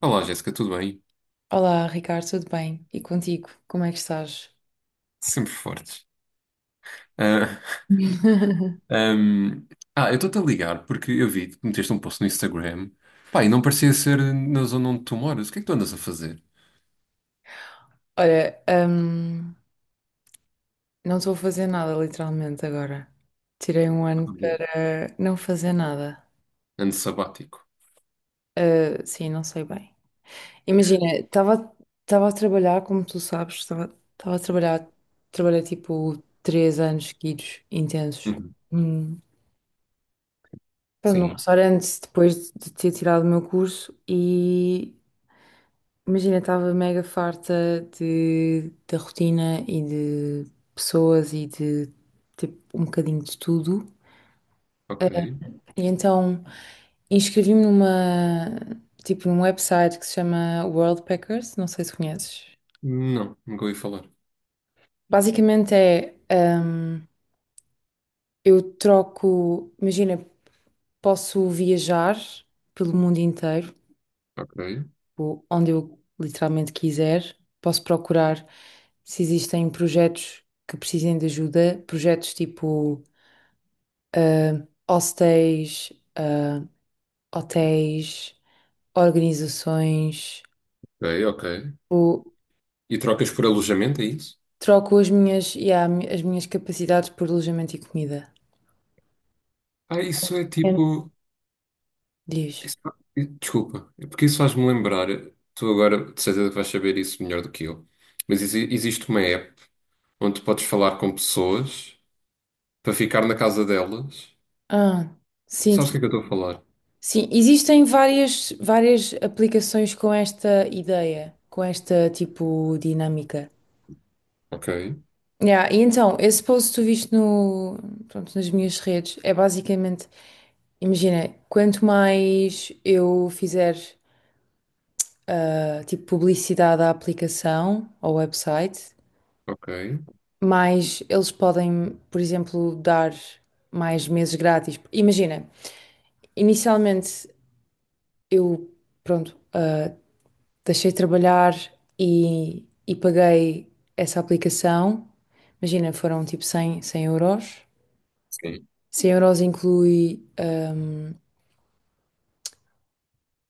Olá, Jéssica, tudo bem? Olá, Ricardo, tudo bem? E contigo, como é que estás? Sempre fortes. Ah, ahm, eu estou-te a ligar porque eu vi que meteste um post no Instagram. Pá, e não parecia ser na zona onde tu moras. O que é que tu andas a fazer? Olha, não estou a fazer nada literalmente agora. Tirei um Ah, ano boa. para não fazer nada. Ano sabático. Ah, sim, não sei bem. Imagina, estava a trabalhar, como tu sabes, estava a trabalhar, trabalhei tipo três anos seguidos, intensos. Uhum. Hum. Pronto, num Sim, restaurante, depois de ter tirado o meu curso. E imagina, estava mega farta de, da rotina e de pessoas e de tipo um bocadinho de tudo. ok. E então inscrevi-me numa, tipo, num website que se chama World Packers, não sei se conheces. Não, nunca ouvi falar. Basicamente é, eu troco, imagina, posso viajar pelo mundo inteiro, Ok, tipo, onde eu literalmente quiser. Posso procurar se existem projetos que precisem de ajuda, projetos tipo hostéis, hotéis, organizações. ok, ok. Tipo, E trocas por alojamento, é isso? troco as minhas, yeah, as minhas capacidades por alojamento e comida. Ah, isso é É. tipo. Diz. isso- Desculpa, é porque isso faz-me lembrar. Tu agora, de certeza, que vais saber isso melhor do que eu. Mas existe uma app onde tu podes falar com pessoas, para ficar na casa delas. Ah, sim, Sabes o que é que eu estou a falar? sim, existem várias, várias aplicações com esta ideia, com esta tipo dinâmica. Ok, Yeah, e então, esse post que tu viste no, pronto, nas minhas redes, é basicamente, imagina, quanto mais eu fizer, tipo, publicidade à aplicação, ao website, ok. mais eles podem, por exemplo, dar mais meses grátis. Imagina, inicialmente eu, pronto, deixei de trabalhar e paguei essa aplicação. Imagina, foram tipo cem euros. Sim, Cem euros inclui,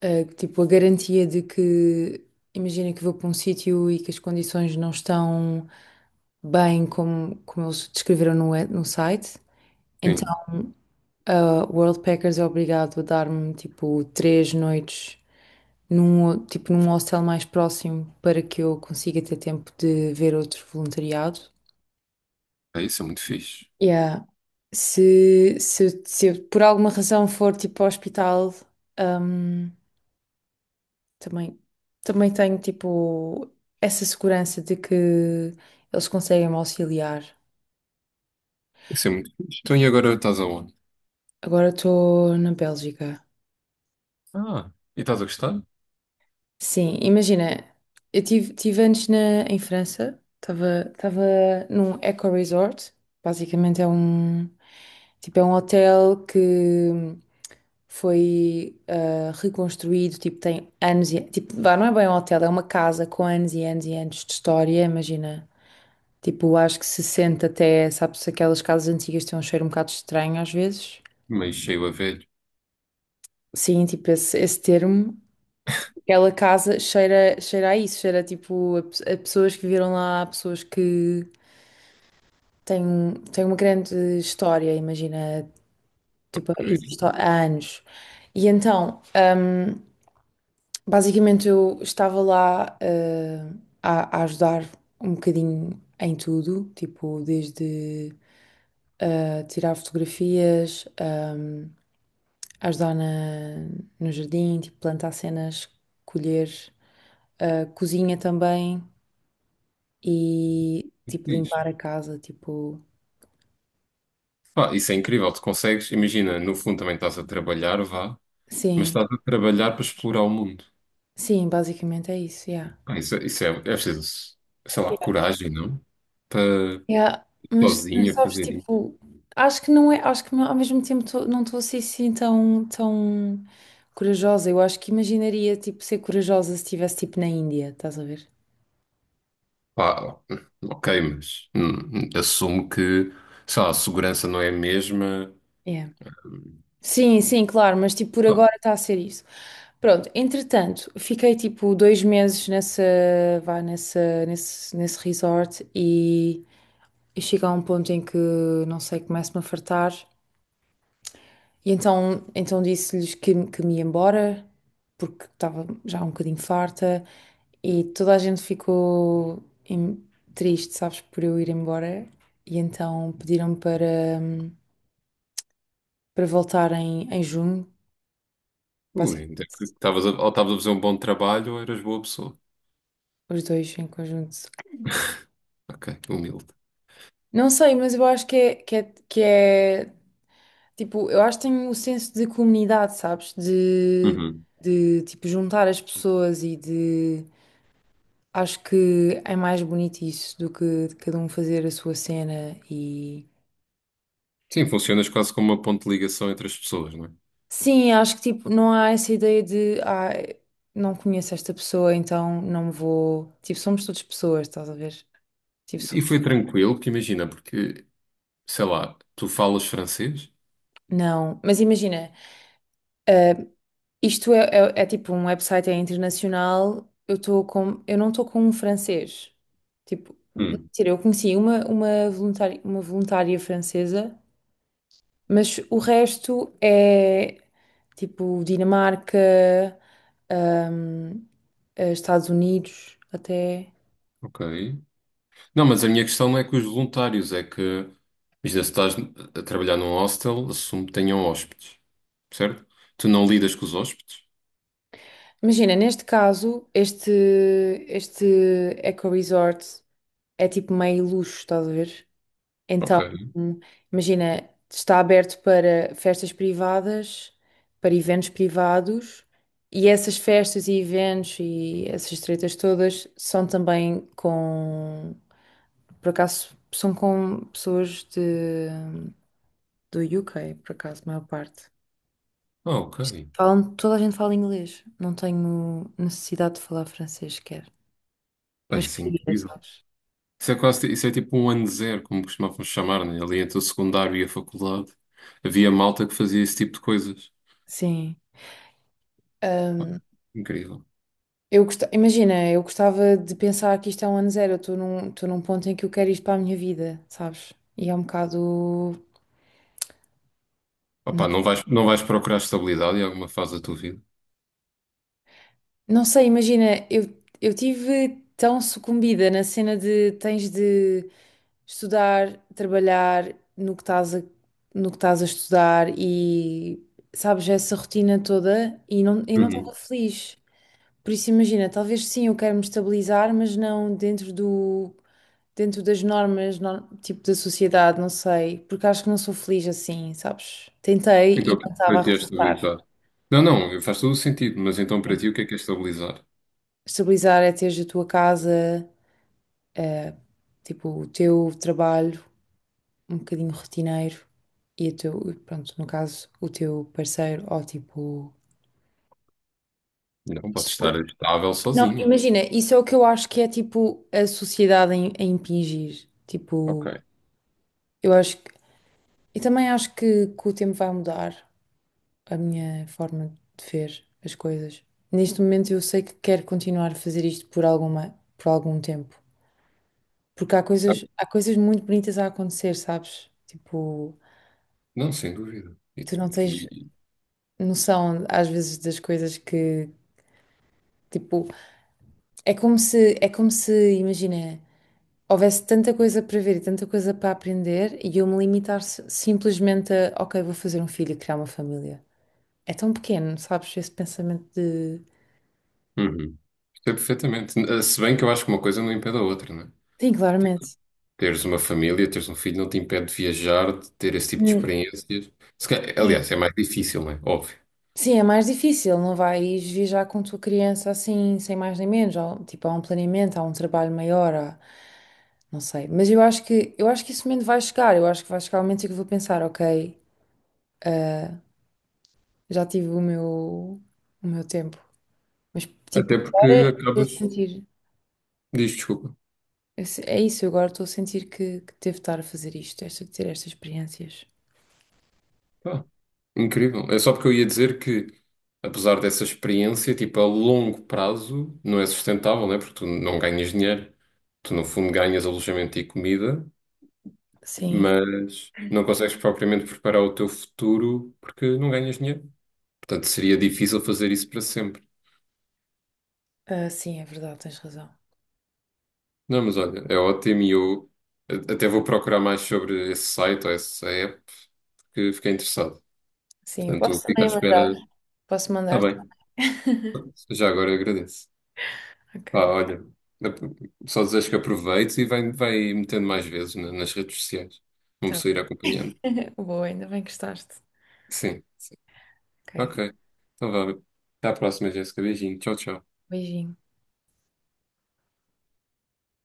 tipo, a garantia de que, imagina que vou para um sítio e que as condições não estão bem como, como eles descreveram no, no site. Então, sim. a World Packers é obrigado a dar-me, tipo, três noites num, tipo, num hostel mais próximo, para que eu consiga ter tempo de ver outro voluntariado. É, isso é muito fixe. Yeah. Se eu, por alguma razão, for, tipo, ao hospital, hum, também, também tenho, tipo, essa segurança de que eles conseguem me auxiliar. Isso é muito fixe. Então e agora estás aonde? Agora estou na Bélgica. Ah, e estás a gostar? Sim, imagina, eu tive antes na, em França, estava num eco-resort, basicamente é um, tipo, é um hotel que foi, reconstruído, tipo, tem anos e, tipo, vá, não é bem um hotel, é uma casa com anos e anos e anos de história, imagina. Tipo, acho que se sente até, sabes, aquelas casas antigas têm um cheiro um bocado estranho às vezes. Meio cheio a velho. Sim, tipo, esse termo, aquela casa cheira, cheira a isso, cheira tipo a, a pessoas que viveram lá, a pessoas que têm, têm uma grande história, imagina, tipo, Ok, existe há anos. E então, basicamente eu estava lá, a ajudar um bocadinho em tudo, tipo, desde, tirar fotografias, ajudar no jardim, tipo plantar cenas, colher, cozinha também e que tipo fixe. limpar a casa, tipo, Pá, isso é incrível. Tu consegues, imagina, no fundo também estás a trabalhar, vá, mas sim, estás a trabalhar para explorar o mundo. sim, basicamente é isso, yeah. Pá, isso, é, isso é preciso, sei lá, coragem, não? Para Yeah, mas sozinha sabes, fazer. tipo, acho que não é, acho que ao mesmo tempo, não estou assim, assim tão, tão corajosa. Eu acho que imaginaria, tipo, ser corajosa se estivesse, tipo, na Índia, estás a ver? Pá, ok, mas assumo que, sei lá, a segurança não é a mesma. Yeah. Sim, sim, claro, mas tipo, por Ah, agora está a ser isso. Pronto, entretanto, fiquei tipo dois meses nessa, vá, nessa, nesse, nesse resort e eu chego a um ponto em que, não sei, começo-me a fartar. E então, então disse-lhes que me ia embora, porque estava já um bocadinho farta e toda a gente ficou em- triste, sabes, por eu ir embora. E então pediram para, para voltar em, em junho, ui, ainda basicamente. que estavas a, ou estavas a fazer um bom trabalho ou eras boa pessoa. Os dois em conjunto. Ok, humilde. Não sei, mas eu acho que é, que é, que é tipo, eu acho que tenho um senso de comunidade, sabes? Uhum. De tipo, juntar as pessoas e de. Acho que é mais bonito isso do que de cada um fazer a sua cena e. Sim, funcionas quase como uma ponte de ligação entre as pessoas, não é? Sim, acho que tipo, não há essa ideia de. Ah, não conheço esta pessoa, então não me vou. Tipo, somos todas pessoas, estás a ver? Tipo, E somos. foi tranquilo, porque imagina, porque, sei lá, tu falas francês? Não, mas imagina. eh, Isto é, é tipo um website, é internacional. Eu estou com, eu não estou com um francês. Tipo, Hum, mentira, eu conheci uma voluntária, uma voluntária francesa, mas o resto é tipo Dinamarca, hum, Estados Unidos, até. ok. Não, mas a minha questão não é com os voluntários, é que, imagina, se estás a trabalhar num hostel, assumo que tenham hóspedes, certo? Tu não lidas com os hóspedes? Imagina, neste caso, este eco resort é tipo meio luxo, estás a ver? Então, Ok. hum, imagina, está aberto para festas privadas, para eventos privados, e essas festas e eventos e essas tretas todas são também com, por acaso, são com pessoas de, do UK, por acaso, a maior parte. Ah, ok. Falam, toda a gente fala inglês, não tenho necessidade de falar francês sequer, Pá, mas isso é queria, incrível. sabes? Isso é quase, isso é tipo um ano zero, como costumávamos chamar, né? Ali entre o secundário e a faculdade. Havia malta que fazia esse tipo de coisas. Sim. Incrível. Imagina, eu gostava de pensar que isto é um ano zero. Eu estou num ponto em que eu quero isto para a minha vida, sabes? E é um bocado. Não, Opá, não vais procurar estabilidade em alguma fase da tua vida? não sei, imagina, eu tive tão sucumbida na cena de tens de estudar, trabalhar no que estás a, no que estás a estudar e sabes, essa rotina toda e não, eu não estava Uhum. feliz. Por isso, imagina, talvez sim, eu quero me estabilizar, mas não dentro do. Dentro das normas, tipo da sociedade, não sei, porque acho que não sou feliz assim, sabes? Tentei Então, e o que não estava a para ti é resultar. estabilizar? Não, não, faz todo o sentido, mas então para ti o que é estabilizar? Estabilizar é teres a tua casa, eh, tipo o teu trabalho, um bocadinho rotineiro e o teu, pronto, no caso, o teu parceiro ou tipo. Não, pode estar Isso- estável Não, sozinha. imagina, isso é o que eu acho que é tipo a sociedade em a impingir. Tipo, Ok. eu acho que. Eu também acho que o tempo vai mudar a minha forma de ver as coisas. Neste momento eu sei que quero continuar a fazer isto por alguma, por algum tempo. Porque Ah, há coisas muito bonitas a acontecer, sabes? Tipo, não, sem dúvida. tu não tens E, noção às vezes das coisas que, tipo, é como se, imagina, houvesse tanta coisa para ver e tanta coisa para aprender e eu me limitar simplesmente a, ok, vou fazer um filho e criar uma família. É tão pequeno, sabes? Esse pensamento de. uhum. Sei perfeitamente. Se bem que eu acho que uma coisa não impede a outra, né? Sim, claramente. Teres uma família, teres um filho, não te impede de viajar, de ter esse tipo de Hum. experiências. Se ca- Sim. Aliás, é mais difícil, não é? Óbvio. Sim, é mais difícil, não vais viajar com tua criança assim, sem mais nem menos. Há, tipo, há um planeamento, há um trabalho maior, há não sei. Mas eu acho que esse momento vai chegar. Eu acho que vai chegar o momento em que eu vou pensar, ok, já tive o meu tempo. Mas, tipo, Até porque agora estou a acabas. sentir, Diz, desculpa. É isso, eu agora estou a sentir que devo estar a fazer isto, esta, ter estas experiências. Pá, incrível. É só porque eu ia dizer que, apesar dessa experiência, tipo, a longo prazo não é sustentável, né? Porque tu não ganhas dinheiro. Tu, no fundo, ganhas alojamento e comida, Sim, mas não consegues propriamente preparar o teu futuro porque não ganhas dinheiro. Portanto, seria difícil fazer isso para sempre. ah, sim, é verdade, tens razão. Não, mas olha, é ótimo e eu até vou procurar mais sobre esse site ou essa app porque fiquei interessado. Sim, eu Portanto, posso fico à também espera. mandar, posso Está mandar-te. bem, já agora agradeço. Ok, Ah, olha, só desejo que aproveites e vai metendo mais vezes nas redes sociais. Vamos tá. sair acompanhando. Boa, ainda bem que gostaste. Sim, Ok, ok. Então vá. Até à próxima, Jéssica. Beijinho. Tchau, tchau. beijinho.